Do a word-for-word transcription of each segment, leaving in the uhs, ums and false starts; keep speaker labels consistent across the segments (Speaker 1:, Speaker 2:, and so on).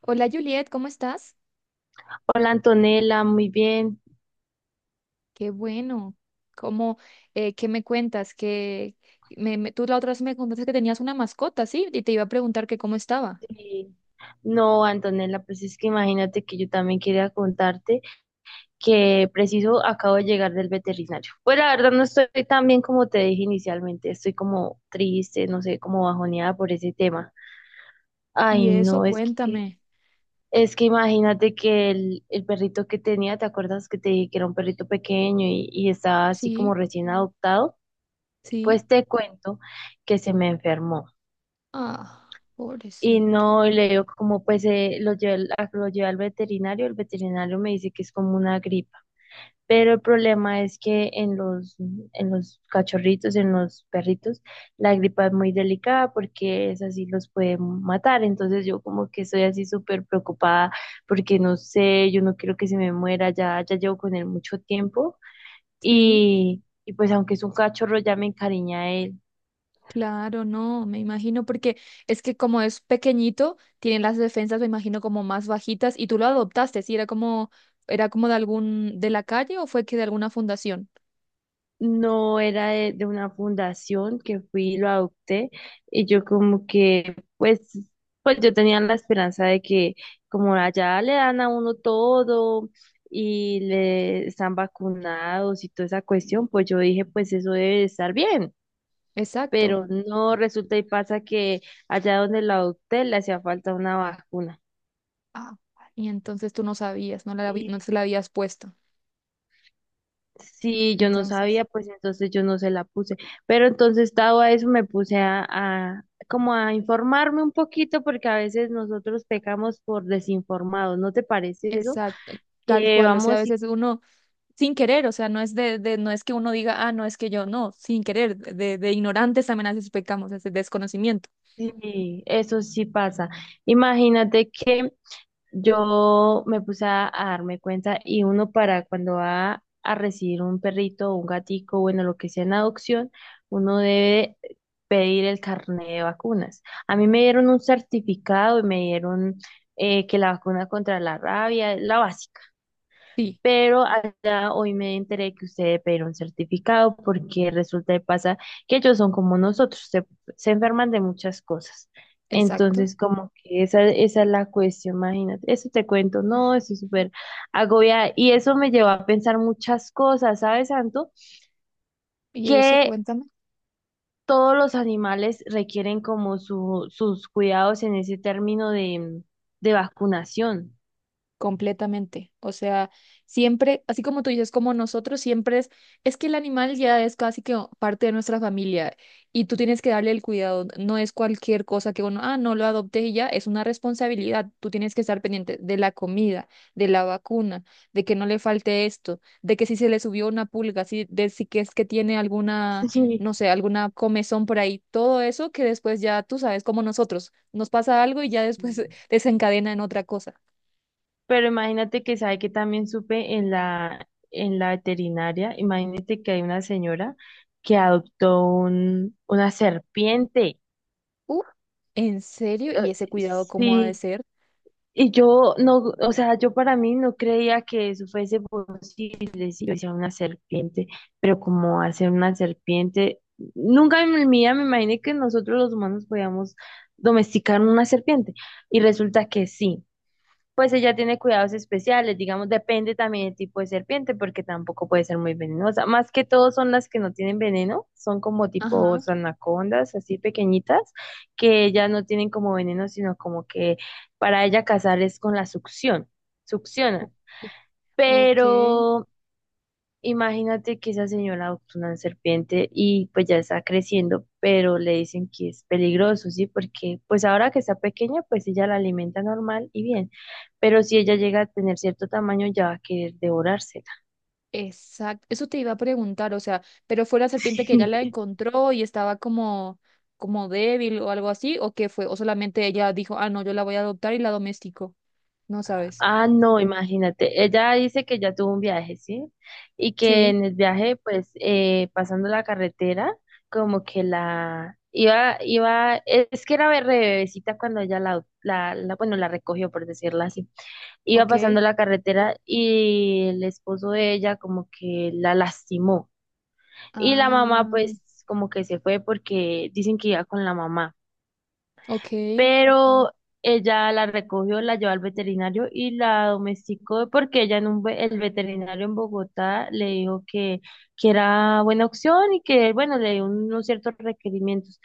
Speaker 1: Hola Juliet, ¿cómo estás?
Speaker 2: Hola Antonella, muy bien.
Speaker 1: Qué bueno. ¿Cómo, eh, qué me cuentas? Que me, me- tú la otra vez me contaste que tenías una mascota, ¿sí? Y te iba a preguntar que cómo estaba.
Speaker 2: Eh, no, Antonella, pues es que imagínate que yo también quería contarte que preciso acabo de llegar del veterinario. Pues la verdad no estoy tan bien como te dije inicialmente, estoy como triste, no sé, como bajoneada por ese tema.
Speaker 1: Y
Speaker 2: Ay,
Speaker 1: eso,
Speaker 2: no, es que,
Speaker 1: cuéntame.
Speaker 2: es que imagínate que el, el perrito que tenía, ¿te acuerdas que te dije que era un perrito pequeño y, y estaba así
Speaker 1: Sí,
Speaker 2: como recién adoptado?
Speaker 1: sí.
Speaker 2: Pues te cuento que se me enfermó.
Speaker 1: Ah,
Speaker 2: Y
Speaker 1: pobrecito.
Speaker 2: no, y le digo como pues eh, lo llevé, al- a- lo llevé al veterinario, el veterinario me dice que es como una gripa. Pero el problema es que en los, en los cachorritos, en los perritos, la gripa es muy delicada porque es así los puede matar. Entonces yo como que estoy así súper preocupada porque no sé, yo no quiero que se me muera, ya, ya llevo con él mucho tiempo.
Speaker 1: Sí,
Speaker 2: Y, y pues aunque es un cachorro, ya me encariña a él.
Speaker 1: claro, no, me imagino, porque es que como es pequeñito, tiene las defensas, me imagino, como más bajitas. Y tú lo adoptaste, ¿sí? Era como, era como de algún, de la calle o fue que de alguna fundación.
Speaker 2: No era de, de una fundación que fui y lo adopté y yo como que pues pues yo tenía la esperanza de que como allá le dan a uno todo y le están vacunados y toda esa cuestión, pues yo dije pues eso debe de estar bien.
Speaker 1: Exacto.
Speaker 2: Pero no resulta y pasa que allá donde lo adopté le hacía falta una vacuna.
Speaker 1: Ah, y entonces tú no sabías, no la, habi- no se la habías puesto.
Speaker 2: Sí, yo no
Speaker 1: Entonces,
Speaker 2: sabía, pues entonces yo no se la puse. Pero entonces, dado a eso, me puse a, a- como a informarme un poquito, porque a veces nosotros pecamos por desinformados, ¿no te parece eso?
Speaker 1: exacto, tal
Speaker 2: Que
Speaker 1: cual. O sea, a
Speaker 2: vamos y,
Speaker 1: veces uno, sin querer, o sea, no es de, de- no es que uno diga, ah, no es que yo, no, sin querer, de, de ignorantes también a veces pecamos, es de desconocimiento.
Speaker 2: y eso sí pasa. Imagínate que yo me puse a, a darme cuenta y uno para cuando va a recibir un perrito o un gatico, bueno, lo que sea en adopción, uno debe pedir el carnet de vacunas. A mí me dieron un certificado y me dieron eh, que la vacuna contra la rabia, la básica.
Speaker 1: Sí,
Speaker 2: Pero allá hoy me enteré que usted debe pedir un certificado porque resulta y pasa que ellos son como nosotros, se, se enferman de muchas cosas.
Speaker 1: exacto.
Speaker 2: Entonces, como que esa, esa es la cuestión, imagínate, eso te cuento,
Speaker 1: Ah,
Speaker 2: no, eso es súper agobiada. Y eso me llevó a pensar muchas cosas, ¿sabes, Santo?
Speaker 1: y eso,
Speaker 2: Que
Speaker 1: cuéntame.
Speaker 2: todos los animales requieren como su, sus cuidados en ese término de, de vacunación.
Speaker 1: Completamente. O sea, siempre, así como tú dices, como nosotros, siempre es, es que el animal ya es casi que parte de nuestra familia y tú tienes que darle el cuidado. No es cualquier cosa que uno, ah, no lo adopte y ya, es una responsabilidad. Tú tienes que estar pendiente de la comida, de la vacuna, de que no le falte esto, de que si se le subió una pulga, si, de si que es que tiene alguna, no sé, alguna comezón por ahí, todo eso que después ya tú sabes, como nosotros, nos pasa algo y ya después
Speaker 2: Sí.
Speaker 1: desencadena en otra cosa.
Speaker 2: Pero imagínate que sabe que también supe en la, en la veterinaria, imagínate que hay una señora que adoptó un, una serpiente.
Speaker 1: Uf, ¿en serio? ¿Y
Speaker 2: Eh,
Speaker 1: ese cuidado cómo ha de
Speaker 2: Sí,
Speaker 1: ser?
Speaker 2: y yo no, o sea, yo para mí no creía que eso fuese posible, si yo decía una serpiente, pero como hacer una serpiente, nunca en mi vida me imaginé que nosotros los humanos podíamos domesticar una serpiente, y resulta que sí. Pues ella tiene cuidados especiales, digamos, depende también del tipo de serpiente, porque tampoco puede ser muy venenosa. Más que todo son las que no tienen veneno, son como tipo
Speaker 1: Ajá.
Speaker 2: anacondas, así pequeñitas, que ellas no tienen como veneno, sino como que para ella cazar es con la succión,
Speaker 1: Ok,
Speaker 2: succionan.
Speaker 1: ok,
Speaker 2: Pero imagínate que esa señora adoptó una serpiente y pues ya está creciendo, pero le dicen que es peligroso, ¿sí? Porque pues ahora que está pequeña, pues ella la alimenta normal y bien, pero si ella llega a tener cierto tamaño, ya va a querer devorársela.
Speaker 1: exacto. Eso te iba a preguntar, o sea, pero fue la serpiente que ella la encontró y estaba como, como débil o algo así, o qué fue, o solamente ella dijo, ah, no, yo la voy a adoptar y la domestico. No sabes.
Speaker 2: Ah, no, imagínate, ella dice que ya tuvo un viaje, ¿sí? Y que
Speaker 1: Sí,
Speaker 2: en el viaje, pues eh, pasando la carretera, como que la... Iba, iba, es que era re bebecita cuando ella la, la, la, bueno, la recogió, por decirlo así iba pasando
Speaker 1: ok.
Speaker 2: la carretera y el esposo de ella como que la lastimó. Y la mamá
Speaker 1: Ah,
Speaker 2: pues como que se fue porque dicen que iba con la mamá,
Speaker 1: ok,
Speaker 2: pero ella la recogió, la llevó al veterinario y la domesticó porque ella en un, ve- el veterinario en Bogotá le dijo que, que era buena opción y que bueno, le dio unos ciertos requerimientos.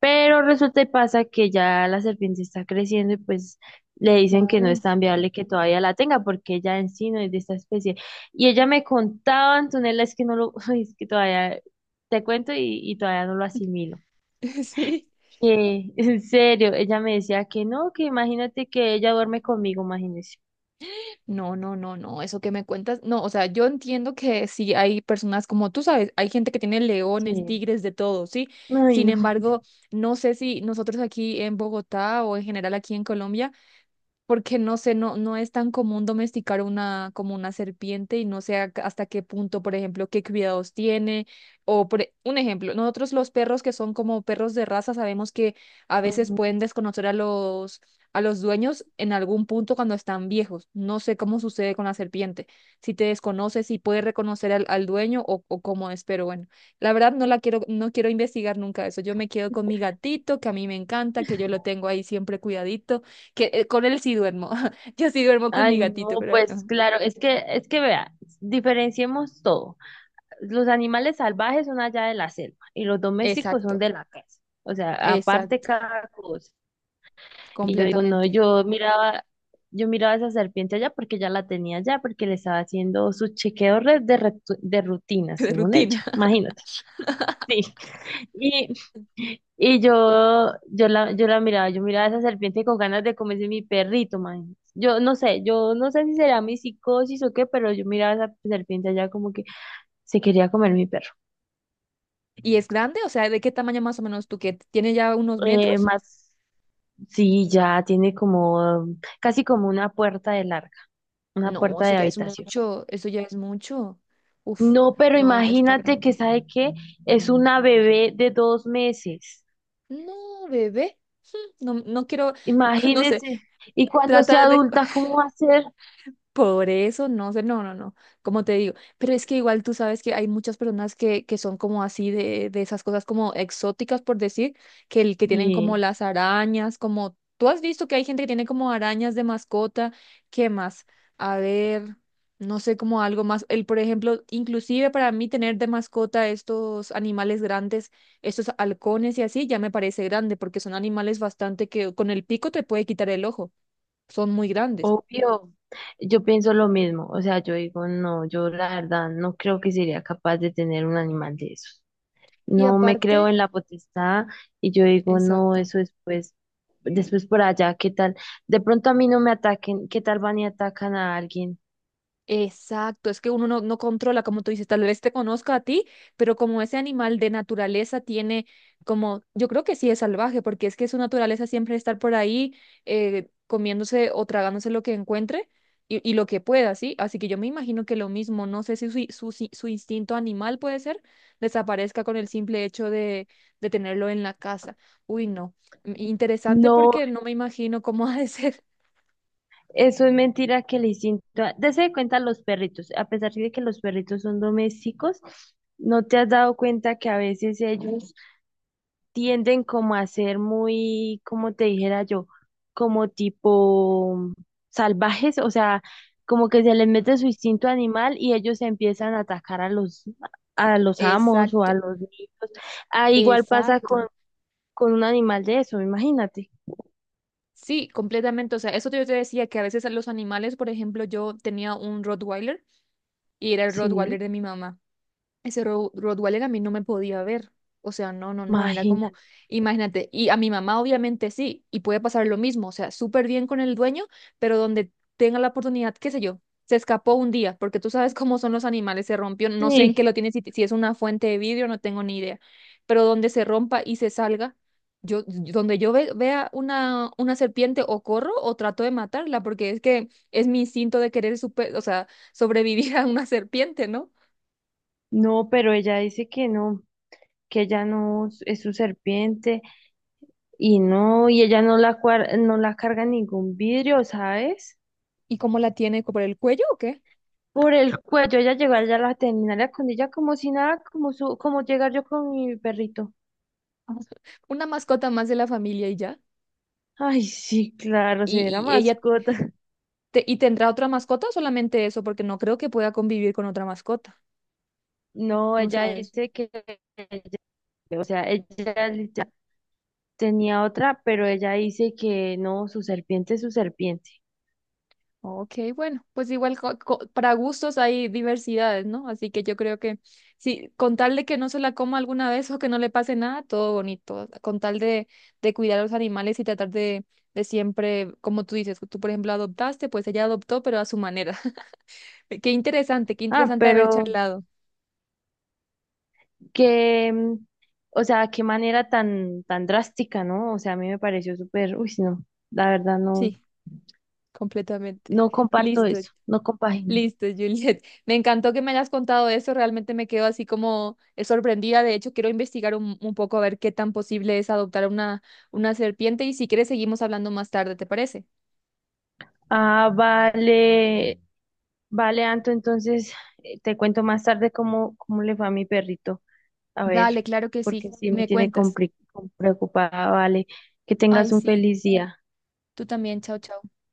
Speaker 2: Pero resulta y pasa que ya la serpiente está creciendo y pues le dicen que no
Speaker 1: claro.
Speaker 2: es tan viable que todavía la tenga porque ella en sí no es de esta especie. Y ella me contaba, Antonella, es que no lo, es que todavía te cuento y, y todavía no lo asimilo.
Speaker 1: Sí.
Speaker 2: Que, en serio, ella me decía que no, que imagínate que ella duerme conmigo, imagínese.
Speaker 1: No, no, no, no, eso que me cuentas, no, o sea, yo entiendo que sí hay personas como tú sabes, hay gente que tiene leones,
Speaker 2: Sí.
Speaker 1: tigres, de todo, ¿sí?
Speaker 2: Ay,
Speaker 1: Sin
Speaker 2: no.
Speaker 1: embargo, no sé si nosotros aquí en Bogotá o en general aquí en Colombia porque no sé, no, no es tan común domesticar una, como una serpiente y no sé a- hasta qué punto, por ejemplo, qué cuidados tiene. O por, e- un ejemplo, nosotros los perros que son como perros de raza sabemos que a veces
Speaker 2: Ujú.
Speaker 1: pueden desconocer a los, a los dueños en algún punto cuando están viejos. No sé cómo sucede con la serpiente, si te desconoce, si puede reconocer al, al dueño o, o cómo es, pero bueno, la verdad no la quiero, no quiero investigar nunca eso. Yo me quedo con mi gatito, que a mí me encanta, que yo lo tengo ahí siempre cuidadito que eh, con él sí duermo. Yo sí duermo con mi
Speaker 2: Ay,
Speaker 1: gatito,
Speaker 2: no,
Speaker 1: pero
Speaker 2: pues
Speaker 1: no.
Speaker 2: claro, es que, es que vea, diferenciemos todo. Los animales salvajes son allá de la selva y los domésticos
Speaker 1: Exacto,
Speaker 2: son de la casa. O sea, aparte
Speaker 1: exacto,
Speaker 2: cada cosa. Y yo digo, no,
Speaker 1: completamente.
Speaker 2: yo miraba, yo miraba esa serpiente allá porque ya la tenía allá, porque le estaba haciendo sus chequeos re- de, retu- de rutina,
Speaker 1: De
Speaker 2: según ella.
Speaker 1: rutina.
Speaker 2: Imagínate. Sí. Y, y yo, yo la, yo la miraba, yo miraba a esa serpiente con ganas de comerse mi perrito, man. Yo no sé, yo no sé si será mi psicosis o qué, pero yo miraba a esa serpiente allá como que se quería comer mi perro.
Speaker 1: ¿Y es grande? O sea, ¿de qué tamaño más o menos tú que tiene ya unos
Speaker 2: Eh,
Speaker 1: metros?
Speaker 2: más, sí, ya tiene como um, casi como una puerta de larga, una
Speaker 1: No,
Speaker 2: puerta
Speaker 1: eso
Speaker 2: de
Speaker 1: ya es
Speaker 2: habitación.
Speaker 1: mucho, eso ya es mucho. Uf,
Speaker 2: No, pero
Speaker 1: no, ya está
Speaker 2: imagínate que,
Speaker 1: grande.
Speaker 2: ¿sabe qué? Es una bebé de dos meses.
Speaker 1: No, bebé, no, no quiero, no sé,
Speaker 2: Imagínese. Y cuando
Speaker 1: trata
Speaker 2: sea
Speaker 1: de,
Speaker 2: adulta, ¿cómo va a ser?
Speaker 1: por eso, no sé, no, no, no, como te digo, pero es que igual tú sabes que hay muchas personas que, que son como así de, de esas cosas como exóticas, por decir, que, el, que tienen como
Speaker 2: Sí,
Speaker 1: las arañas, como tú has visto que hay gente que tiene como arañas de mascota, ¿qué más? A ver, no sé, como algo más, el, por ejemplo, inclusive para mí tener de mascota estos animales grandes, estos halcones y así, ya me parece grande, porque son animales bastante que con el pico te puede quitar el ojo, son muy grandes.
Speaker 2: obvio. Yo pienso lo mismo. O sea, yo digo, no, yo la verdad no creo que sería capaz de tener un animal de esos.
Speaker 1: Y
Speaker 2: No me creo
Speaker 1: aparte...
Speaker 2: en la potestad y yo digo, no,
Speaker 1: Exacto.
Speaker 2: eso después, después por allá, ¿qué tal? De pronto a mí no me ataquen, ¿qué tal van y atacan a alguien?
Speaker 1: Exacto, es que uno no, no controla, como tú dices, tal vez te conozca a ti, pero como ese animal de naturaleza tiene como, yo creo que sí es salvaje, porque es que su naturaleza siempre es estar por ahí eh, comiéndose o tragándose lo que encuentre y, y lo que pueda, ¿sí? Así que yo me imagino que lo mismo, no sé si su, su, si- su instinto animal puede ser, desaparezca con el simple hecho de, de tenerlo en la casa. Uy, no. mm, Interesante
Speaker 2: No,
Speaker 1: porque no me imagino cómo ha de ser.
Speaker 2: eso es mentira que el instinto, dese de cuenta los perritos, a pesar de que los perritos son domésticos, ¿no te has dado cuenta que a veces ellos tienden como a ser muy, como te dijera yo, como tipo salvajes, o sea, como que se les mete su instinto animal y ellos empiezan a atacar a los, a los amos o
Speaker 1: Exacto,
Speaker 2: a los niños. Ah, igual pasa con,
Speaker 1: exacto.
Speaker 2: con un animal de eso, imagínate.
Speaker 1: Sí, completamente. O sea, eso yo te decía que a veces a los animales, por ejemplo, yo tenía un Rottweiler y era el Rottweiler
Speaker 2: Sí,
Speaker 1: de mi mamá. Ese Ro- Rottweiler a mí no me podía ver. O sea, no, no, no, era como,
Speaker 2: imagínate.
Speaker 1: imagínate, y a mi mamá obviamente sí, y puede pasar lo mismo, o sea, súper bien con el dueño, pero donde tenga la oportunidad, qué sé yo, se escapó un día, porque tú sabes cómo son los animales, se rompió, no sé en qué
Speaker 2: Sí,
Speaker 1: lo tiene, si, si es una fuente de vidrio, no tengo ni idea, pero donde se rompa y se salga, yo, donde yo ve- vea una, una serpiente o corro o trato de matarla, porque es que es mi instinto de querer, super, o sea, sobrevivir a una serpiente, ¿no?
Speaker 2: no, pero ella dice que no, que ella no s- es su serpiente y no, y ella no la, cuar- no la carga en ningún vidrio, ¿sabes?
Speaker 1: ¿Y cómo la tiene? ¿Por el cuello o qué?
Speaker 2: Por el cuello. Ella llegó allá a la terminal de Acondilla como si nada, como su, como llegar yo con mi perrito.
Speaker 1: Ajá. Una mascota más de la familia y ya.
Speaker 2: Ay, sí, claro, si era
Speaker 1: ¿Y, y ella
Speaker 2: mascota.
Speaker 1: te- y tendrá otra mascota o solamente eso? Porque no creo que pueda convivir con otra mascota,
Speaker 2: No,
Speaker 1: ¿no
Speaker 2: ella
Speaker 1: sabes?
Speaker 2: dice que, o sea, ella literal tenía otra, pero ella dice que no, su serpiente es su serpiente.
Speaker 1: Ok, bueno, pues igual co- co- para gustos hay diversidades, ¿no? Así que yo creo que sí, con tal de que no se la coma alguna vez o que no le pase nada, todo bonito. Con tal de, de cuidar a los animales y tratar de, de siempre, como tú dices, tú por ejemplo adoptaste, pues ella adoptó, pero a su manera. Qué interesante, qué
Speaker 2: Ah,
Speaker 1: interesante haber
Speaker 2: pero
Speaker 1: charlado.
Speaker 2: que, mm, o sea, qué manera tan, tan drástica, ¿no? O sea, a mí me pareció súper, uy, no, la verdad no,
Speaker 1: Sí. Completamente.
Speaker 2: no comparto
Speaker 1: Listo,
Speaker 2: eso, no compagino.
Speaker 1: listo, Juliet. Me encantó que me hayas contado eso. Realmente me quedo así como eh, sorprendida. De hecho, quiero investigar un, un poco a ver qué tan posible es adoptar una, una serpiente. Y si quieres, seguimos hablando más tarde, ¿te parece?
Speaker 2: Ah, vale, vale, Anto, entonces eh, te cuento más tarde cómo, cómo le fue a mi perrito. A ver,
Speaker 1: Dale, claro que sí.
Speaker 2: porque sí me
Speaker 1: Me
Speaker 2: tiene
Speaker 1: cuentas.
Speaker 2: compli- preocupada, vale. Que
Speaker 1: Ay,
Speaker 2: tengas un
Speaker 1: sí.
Speaker 2: feliz día.
Speaker 1: Tú también. Chao, chao.